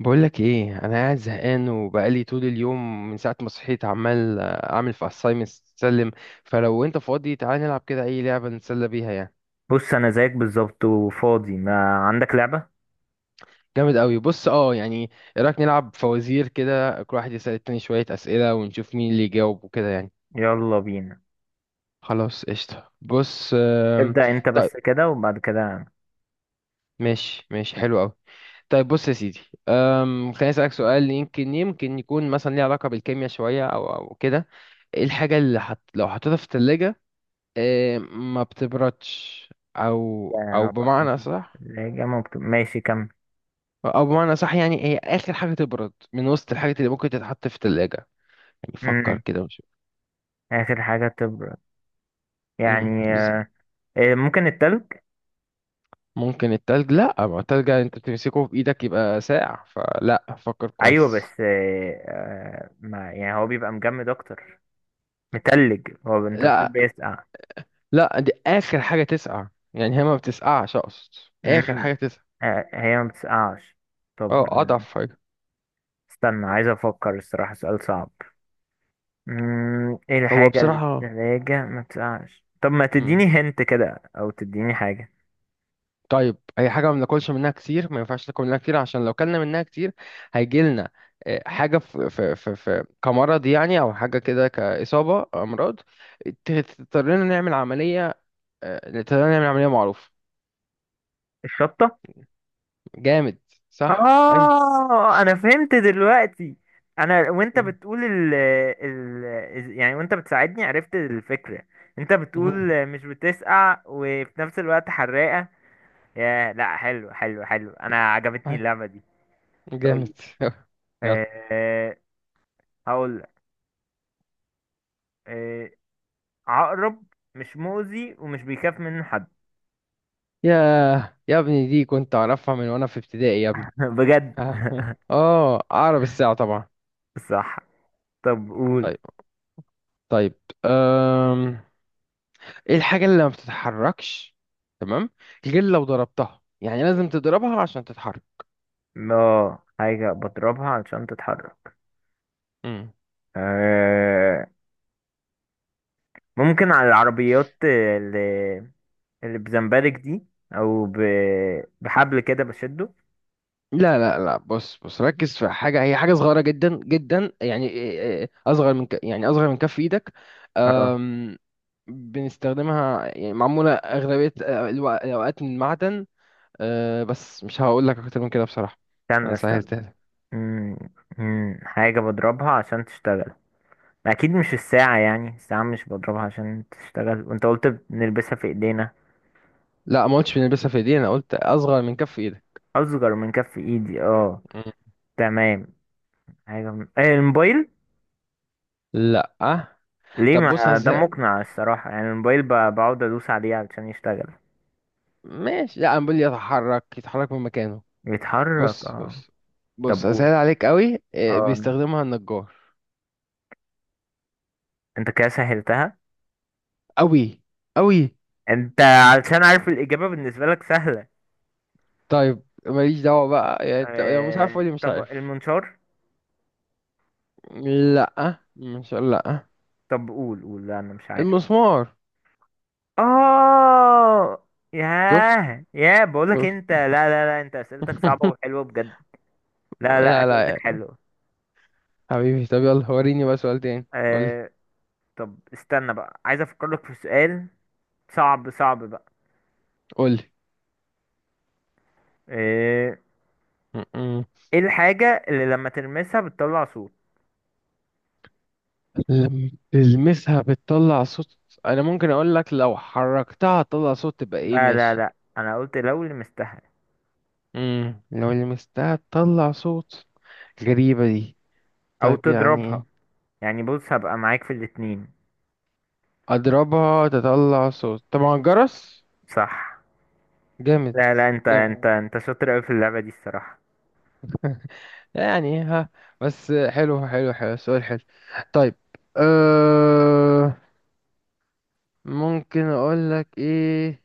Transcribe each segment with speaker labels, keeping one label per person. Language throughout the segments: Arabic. Speaker 1: بقولك ايه، انا قاعد زهقان وبقالي طول اليوم من ساعه ما صحيت عمال اعمل في assignments تسلم. فلو انت فاضي تعالى نلعب كده اي لعبه نتسلى بيها يعني.
Speaker 2: بص، انا زيك بالظبط وفاضي. ما عندك لعبة؟
Speaker 1: جامد قوي. بص يعني، ايه رايك نلعب فوازير كده، كل واحد يسال التاني شويه اسئله ونشوف مين اللي يجاوب وكده يعني.
Speaker 2: يلا بينا.
Speaker 1: خلاص قشطه. بص
Speaker 2: ابدأ انت
Speaker 1: طيب.
Speaker 2: بس كده وبعد كده أنا.
Speaker 1: ماشي ماشي، حلو قوي. طيب بص يا سيدي. خليني اسالك سؤال، يمكن يمكن يكون مثلا ليه علاقه بالكيمياء شويه او كده. ايه الحاجه اللي لو حطيتها في الثلاجه؟ إيه، ما بتبردش. او
Speaker 2: يعني
Speaker 1: او
Speaker 2: أنا حطيت
Speaker 1: بمعنى صح.
Speaker 2: الثلاجة ممكن. ماشي، كمل.
Speaker 1: او بمعنى صح، يعني هي اخر حاجه تبرد من وسط الحاجات اللي ممكن تتحط في الثلاجه. يعني فكر
Speaker 2: امم
Speaker 1: كده وشوف.
Speaker 2: اخر حاجة تبرد،
Speaker 1: امم
Speaker 2: يعني
Speaker 1: بز-
Speaker 2: ممكن التلج.
Speaker 1: ممكن التلج؟ لا، ما التلج انت بتمسكه في ايدك يبقى ساقع، فلا، فكر
Speaker 2: ايوه
Speaker 1: كويس.
Speaker 2: بس، ما يعني هو بيبقى مجمد اكتر متلج. هو انت بتقول
Speaker 1: لا
Speaker 2: بيسقع؟
Speaker 1: لا، دي اخر حاجه تسقع، يعني هي ما بتسقعش اقصد. اخر
Speaker 2: امم
Speaker 1: حاجه تسقع.
Speaker 2: هي ما بتسقعش. طب
Speaker 1: اه، اضعف حاجه.
Speaker 2: استنى، عايز افكر الصراحة. سؤال صعب. ايه
Speaker 1: هو
Speaker 2: الحاجة اللي في
Speaker 1: بصراحه.
Speaker 2: التلاجة ما بتقعش؟ طب ما تديني هنت كده او تديني حاجة.
Speaker 1: طيب اي حاجه ما بناكلش منها كتير، ما ينفعش ناكل منها كتير، عشان لو كلنا منها كتير هيجي لنا حاجه في كمرض يعني، او حاجه كده كاصابه امراض. تضطرنا نعمل عمليه. تضطرنا نعمل عمليه معروف.
Speaker 2: الشطة.
Speaker 1: جامد. صح ايوه.
Speaker 2: اه انا فهمت دلوقتي. انا وانت بتقول ال يعني، وانت بتساعدني عرفت الفكرة. انت
Speaker 1: مهم.
Speaker 2: بتقول مش بتسقع وفي نفس الوقت حراقة. يا لا، حلو حلو حلو، انا عجبتني
Speaker 1: أيوة.
Speaker 2: اللعبة دي.
Speaker 1: جامد.
Speaker 2: طيب،
Speaker 1: يلا.
Speaker 2: أه هقول لك. أه عقرب مش مؤذي ومش بيخاف منه حد.
Speaker 1: يا يا ابني، دي كنت اعرفها من وانا في ابتدائي يا ابني.
Speaker 2: بجد؟
Speaker 1: اه، اعرف الساعه طبعا.
Speaker 2: صح. طب قول.
Speaker 1: طيب. طيب. أم... ايه الحاجة اللي ما بتتحركش؟ تمام. غير لو ضربتها، يعني لازم تضربها عشان تتحرك.
Speaker 2: لا، حاجة بضربها علشان تتحرك.
Speaker 1: امم.
Speaker 2: آه ممكن على العربيات اللي, اللي بزمبرك دي، أو بحبل كده بشده.
Speaker 1: لا لا لا، بص بص، ركز في حاجة، هي حاجة صغيرة جدا جدا يعني إيه، أصغر من يعني أصغر من كف إيدك.
Speaker 2: اه،
Speaker 1: أم... بنستخدمها، يعني معمولة أغلبية الأوقات من معدن. أه، بس مش هقول لك أكتر من كده بصراحة.
Speaker 2: استنى
Speaker 1: أنا
Speaker 2: استنى.
Speaker 1: سهلتها لك.
Speaker 2: مم. مم. حاجة بضربها عشان تشتغل. أكيد مش الساعة. يعني الساعة مش بضربها عشان تشتغل، وأنت قلت بنلبسها في إيدينا.
Speaker 1: لا، ما قلتش بنلبسها في إيدينا، أنا قلت أصغر من كف إيدك.
Speaker 2: أصغر من كف إيدي. اه
Speaker 1: مم.
Speaker 2: تمام. حاجة، الموبايل.
Speaker 1: لا.
Speaker 2: ليه؟
Speaker 1: طب بص.
Speaker 2: ما ده مقنع الصراحة، يعني الموبايل بقعد ادوس عليه علشان يشتغل.
Speaker 1: ماشي، لا، انا بقول يتحرك، يتحرك من مكانه.
Speaker 2: يتحرك.
Speaker 1: بص
Speaker 2: اه
Speaker 1: بص
Speaker 2: طب
Speaker 1: بص،
Speaker 2: قول.
Speaker 1: اسهل عليك قوي.
Speaker 2: اه
Speaker 1: بيستخدمها النجار.
Speaker 2: انت كده سهلتها.
Speaker 1: قوي، قوي.
Speaker 2: انت علشان عارف الإجابة بالنسبة لك سهلة.
Speaker 1: طيب ماليش دعوة بقى، يعني انت لو مش عارف قولي مش
Speaker 2: طب
Speaker 1: عارف.
Speaker 2: المنشار.
Speaker 1: لا، مش، لا.
Speaker 2: طب قول قول، لا انا مش عارف.
Speaker 1: المسمار.
Speaker 2: اه
Speaker 1: شفت؟
Speaker 2: ياه ياه بقولك
Speaker 1: شفت؟
Speaker 2: انت، لا لا لا، انت اسئلتك صعبة وحلوة بجد. لا لا
Speaker 1: لا لا
Speaker 2: اسئلتك
Speaker 1: يا
Speaker 2: حلوة.
Speaker 1: حبيبي، طب يلا وريني بقى سؤال تاني. قولي.
Speaker 2: آه... طب استنى بقى، عايز افكر لك في سؤال صعب صعب بقى.
Speaker 1: قولي.
Speaker 2: آه...
Speaker 1: م-م.
Speaker 2: ايه الحاجة اللي لما تلمسها بتطلع صوت؟
Speaker 1: لما تلمسها بتطلع صوت؟ انا ممكن اقول لك لو حركتها تطلع صوت تبقى ايه،
Speaker 2: لا لا
Speaker 1: ماشي؟
Speaker 2: لا، انا قلت لو لمستها
Speaker 1: لو لمستها تطلع صوت. غريبة دي.
Speaker 2: او
Speaker 1: طيب
Speaker 2: تضربها،
Speaker 1: يعني.
Speaker 2: يعني بص هبقى معاك في الاتنين.
Speaker 1: أضربها تطلع صوت، طبعا الجرس.
Speaker 2: صح.
Speaker 1: جامد.
Speaker 2: لا لا، انت انت
Speaker 1: جامد
Speaker 2: انت شاطر اوي في اللعبة دي الصراحة.
Speaker 1: يعني ها. بس، حلو حلو حلو، سؤال حلو. طيب. أه ممكن أقول لك إيه؟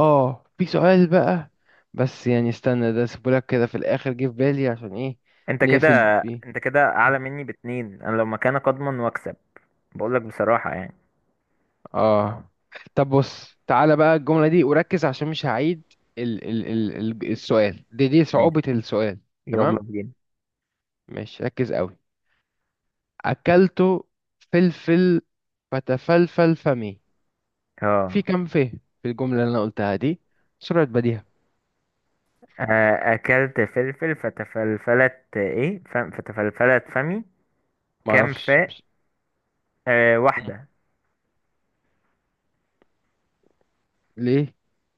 Speaker 1: في سؤال بقى. بس يعني استنى، ده سيبولك كده في الآخر، جه في بالي عشان إيه،
Speaker 2: انت كده
Speaker 1: نقفل بيه.
Speaker 2: انت كده اعلى مني باتنين، انا لو مكانك اضمن واكسب. بقولك بصراحة يعني.
Speaker 1: اه طب بص، تعالى بقى الجملة دي وركز عشان مش هعيد. ال ال ال ال السؤال دي
Speaker 2: ماشي.
Speaker 1: صعوبة السؤال.
Speaker 2: يلا
Speaker 1: تمام.
Speaker 2: بينا.
Speaker 1: ماشي، ركز قوي. أكلت فلفل فتفلفل فمي. في
Speaker 2: اه
Speaker 1: كم فيه؟ في الجملة اللي أنا قلتها دي. سرعة بديهة.
Speaker 2: اكلت فلفل فتفلفلت ايه فتفلفلت فمي. كام
Speaker 1: معرفش،
Speaker 2: فاء؟
Speaker 1: مش... مم.
Speaker 2: واحدة.
Speaker 1: ليه؟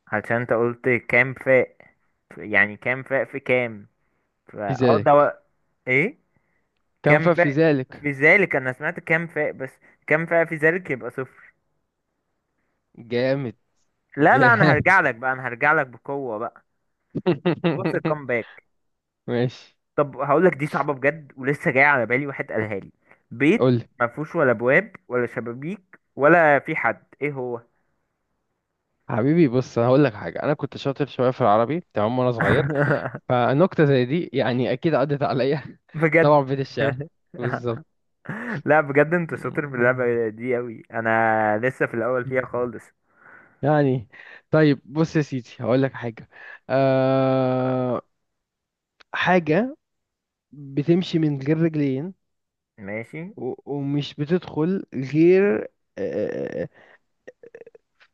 Speaker 2: عشان انت قلت كام فاء، يعني كام فاء في كام
Speaker 1: في
Speaker 2: فا ده
Speaker 1: ذلك.
Speaker 2: ايه؟
Speaker 1: كم
Speaker 2: كام
Speaker 1: فيه في
Speaker 2: فاء
Speaker 1: ذلك؟
Speaker 2: في ذلك، انا سمعت كام فاء بس. كام فاء في ذلك يبقى صفر.
Speaker 1: جامد.
Speaker 2: لا لا، انا
Speaker 1: جامد.
Speaker 2: هرجع لك بقى، انا هرجع لك بقوة بقى. بص الكامباك.
Speaker 1: ماشي،
Speaker 2: طب هقول لك. دي صعبة بجد ولسه جاية على بالي، واحد قالها لي. بيت
Speaker 1: قولي.
Speaker 2: ما فيهوش ولا ابواب ولا شبابيك ولا في حد، ايه هو؟
Speaker 1: حبيبي بص، انا هقول لك حاجه، انا كنت شاطر شويه في العربي تمام وانا صغير. فنكتة زي دي يعني أكيد عدت عليا.
Speaker 2: بجد؟
Speaker 1: طبعا في بيت الشعر. بالظبط.
Speaker 2: لا بجد، انت شاطر في اللعبة دي قوي، انا لسه في الاول فيها خالص.
Speaker 1: يعني، طيب بص يا سيدي هقول لك حاجة. أه. حاجة بتمشي من غير رجلين
Speaker 2: ماشي.
Speaker 1: ومش بتدخل غير أه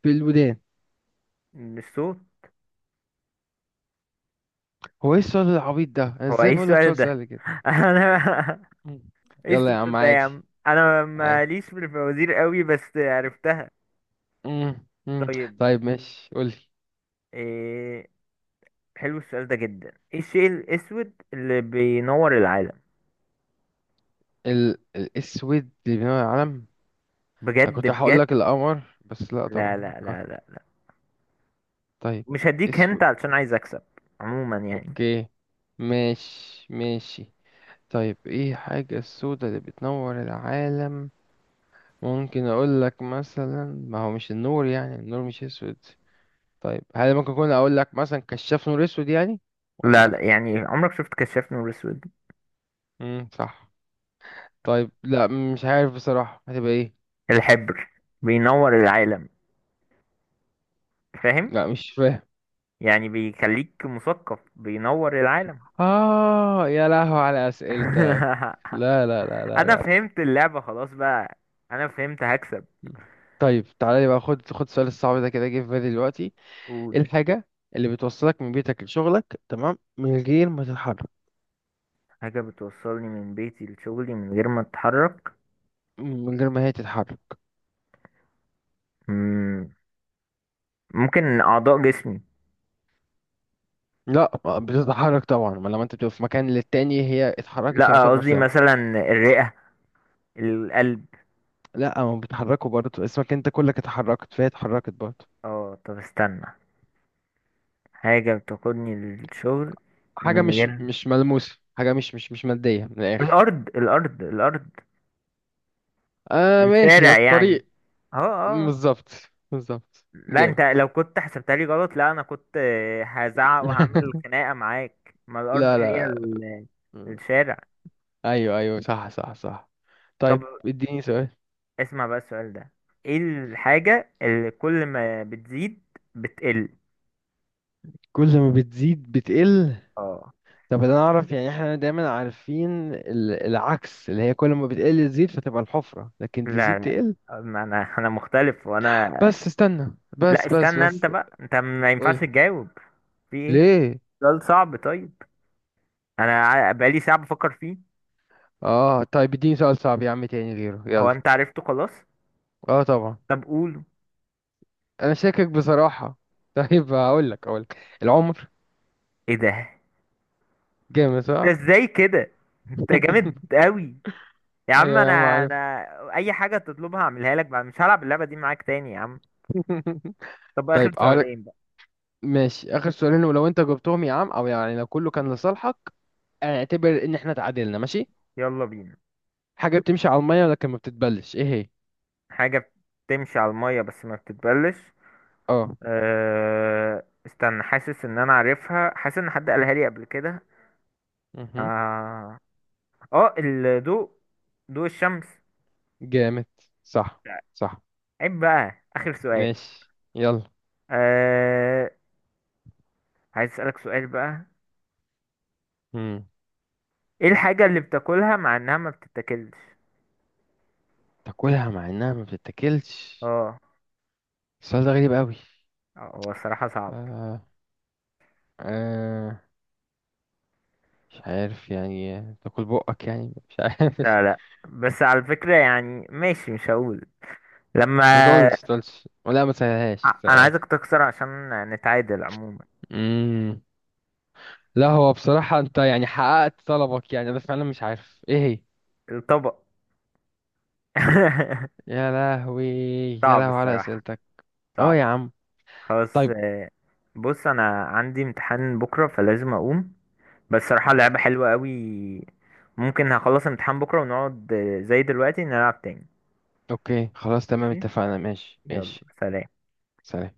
Speaker 1: في الودان.
Speaker 2: الصوت.
Speaker 1: هو ايه السؤال العبيط ده، انا
Speaker 2: هو
Speaker 1: ازاي
Speaker 2: ايه
Speaker 1: بقول لك
Speaker 2: السؤال
Speaker 1: سؤال
Speaker 2: ده؟
Speaker 1: سهل كده؟
Speaker 2: انا،
Speaker 1: مم.
Speaker 2: ايه
Speaker 1: يلا يا عم،
Speaker 2: السؤال ده يا
Speaker 1: عادي،
Speaker 2: عم؟ انا
Speaker 1: عادي.
Speaker 2: ماليش في الفوازير قوي بس عرفتها.
Speaker 1: مم، مم.
Speaker 2: طيب،
Speaker 1: طيب، ماشي، قولي.
Speaker 2: إيه، حلو السؤال ده جدا. ايه الشيء الاسود اللي بينور العالم؟
Speaker 1: الاسود اللي بينور على العالم؟ انا
Speaker 2: بجد
Speaker 1: كنت هقول
Speaker 2: بجد؟
Speaker 1: لك القمر، بس لا
Speaker 2: لا
Speaker 1: طبعا
Speaker 2: لا
Speaker 1: اه.
Speaker 2: لا لا لا،
Speaker 1: طيب
Speaker 2: مش هديك هنت
Speaker 1: اسود.
Speaker 2: علشان عايز اكسب عموما يعني.
Speaker 1: اوكي، ماشي ماشي. طيب ايه حاجة السوداء اللي بتنور العالم؟ ممكن اقول لك مثلا، ما هو مش النور، يعني النور مش اسود. طيب هل ممكن اكون اقول لك مثلا كشاف نور اسود يعني،
Speaker 2: لا لا،
Speaker 1: ولا؟
Speaker 2: يعني عمرك شفت كشاف نور اسود؟
Speaker 1: امم، صح. طيب، لا، مش عارف بصراحة، هتبقى ايه؟
Speaker 2: الحبر، بينور العالم. فاهم؟
Speaker 1: لا، مش فاهم.
Speaker 2: يعني بيخليك مثقف، بينور العالم.
Speaker 1: اه، يا لهو على اسئلتك. لا لا لا لا
Speaker 2: انا
Speaker 1: لا.
Speaker 2: فهمت اللعبة خلاص بقى. انا فهمت هكسب.
Speaker 1: طيب تعالى لي بقى، خد خد السؤال الصعب ده، كده جه في بالي دلوقتي. ايه
Speaker 2: قول.
Speaker 1: الحاجة اللي بتوصلك من بيتك لشغلك، تمام، من غير ما تتحرك؟
Speaker 2: حاجة بتوصلني من بيتي لشغلي من غير ما اتحرك.
Speaker 1: من غير ما هي تتحرك.
Speaker 2: مم، ممكن اعضاء جسمي.
Speaker 1: لا، ما بتتحرك طبعا، ما لما انت بتبقى في مكان للتاني هي اتحركت
Speaker 2: لا
Speaker 1: يعتبر
Speaker 2: قصدي
Speaker 1: لما.
Speaker 2: مثلا، الرئة، القلب.
Speaker 1: لا ما بتحركوا برضه، اسمك انت كلك اتحركت فهي اتحركت برضه.
Speaker 2: اه طب استنى، حاجة بتاخدني للشغل
Speaker 1: حاجة
Speaker 2: من
Speaker 1: مش
Speaker 2: غير
Speaker 1: مش ملموسة، حاجة مش مادية من الآخر.
Speaker 2: الارض الارض الارض.
Speaker 1: ماشي يا
Speaker 2: الشارع يعني.
Speaker 1: الطريق.
Speaker 2: اه اه.
Speaker 1: بالظبط. بالظبط
Speaker 2: لا انت
Speaker 1: جامد.
Speaker 2: لو كنت حسبتها لي غلط، لا انا كنت هزعق وهعمل خناقة معاك، ما الارض
Speaker 1: لا
Speaker 2: هي
Speaker 1: لا لا.
Speaker 2: الشارع.
Speaker 1: ايوه ايوه، صح صح صح.
Speaker 2: طب
Speaker 1: طيب اديني سؤال.
Speaker 2: اسمع بقى السؤال ده. ايه الحاجة اللي كل ما بتزيد بتقل؟
Speaker 1: كل ما بتزيد بتقل.
Speaker 2: اه
Speaker 1: طب انا اعرف، يعني احنا دايما عارفين العكس، اللي هي كل ما بتقل تزيد فتبقى الحفرة، لكن تزيد
Speaker 2: لا لا،
Speaker 1: تقل.
Speaker 2: ما انا مختلف، وانا.
Speaker 1: بس استنى،
Speaker 2: لا،
Speaker 1: بس بس
Speaker 2: استنى انت
Speaker 1: بس.
Speaker 2: بقى، انت ما ينفعش
Speaker 1: قولي.
Speaker 2: تجاوب. في ايه؟
Speaker 1: ليه؟
Speaker 2: سؤال صعب طيب، انا بقالي ساعة بفكر فيه.
Speaker 1: اه طيب، اديني سؤال صعب يا عم تاني غيره،
Speaker 2: هو
Speaker 1: يلا.
Speaker 2: انت عرفته خلاص؟
Speaker 1: اه طبعا.
Speaker 2: طب قوله.
Speaker 1: انا شاكك بصراحة. طيب، هقول لك. العمر.
Speaker 2: ايه ده؟
Speaker 1: جامد
Speaker 2: انت
Speaker 1: صح.
Speaker 2: ازاي كده؟ انت جامد قوي يا عم.
Speaker 1: ايوه يا عم
Speaker 2: انا
Speaker 1: عارف.
Speaker 2: انا اي حاجة تطلبها اعملها لك بقى، مش هلعب اللعبة دي معاك تاني يا عم. طب اخر
Speaker 1: طيب هقول لك.
Speaker 2: سؤالين بقى.
Speaker 1: ماشي، اخر سؤالين، ولو انت جبتهم يا عم، او يعني لو كله كان لصالحك اعتبر ان احنا اتعادلنا، ماشي.
Speaker 2: يلا بينا.
Speaker 1: حاجة بتمشي على المية لكن ما بتتبلش، ايه هي؟
Speaker 2: حاجة بتمشي على المية بس ما بتتبلش.
Speaker 1: اه.
Speaker 2: استنى، حاسس ان انا عارفها، حاسس ان حد قالها لي قبل كده.
Speaker 1: مهم.
Speaker 2: اه اه، الضوء، ضوء الشمس.
Speaker 1: جامد. صح. صح.
Speaker 2: عيب بقى، اخر سؤال.
Speaker 1: ماشي، يلا.
Speaker 2: أه... عايز اسألك سؤال بقى.
Speaker 1: مم.
Speaker 2: ايه الحاجة اللي بتاكلها مع انها ما بتتاكلش؟
Speaker 1: تاكلها مع انها ما بتتاكلش.
Speaker 2: اه
Speaker 1: السؤال ده غريب قوي.
Speaker 2: هو الصراحة صعب.
Speaker 1: آه. آه. مش عارف، يعني تاكل بقك، يعني مش عارف.
Speaker 2: لا لا، بس على فكرة يعني، ماشي مش هقول. لما
Speaker 1: ما تقولش ما تقولش، ولا ما تسهلهاش ما
Speaker 2: انا
Speaker 1: تسهلهاش.
Speaker 2: عايزك تخسر عشان نتعادل عموما.
Speaker 1: مم. لا، هو بصراحة انت يعني حققت طلبك، يعني انا فعلا مش عارف ايه هي.
Speaker 2: الطبق.
Speaker 1: يا لهوي. يا
Speaker 2: صعب
Speaker 1: لهوي على
Speaker 2: الصراحة
Speaker 1: اسئلتك. اه
Speaker 2: صعب.
Speaker 1: يا عم.
Speaker 2: خلاص،
Speaker 1: طيب.
Speaker 2: بص انا عندي امتحان بكرة فلازم اقوم. بس صراحة اللعبة
Speaker 1: اوكي،
Speaker 2: حلوة قوي. ممكن هخلص امتحان بكرة ونقعد زي دلوقتي نلعب تاني.
Speaker 1: اوكي خلاص تمام
Speaker 2: ماشي.
Speaker 1: اتفقنا، ماشي
Speaker 2: يلا
Speaker 1: ماشي.
Speaker 2: سلام.
Speaker 1: سلام.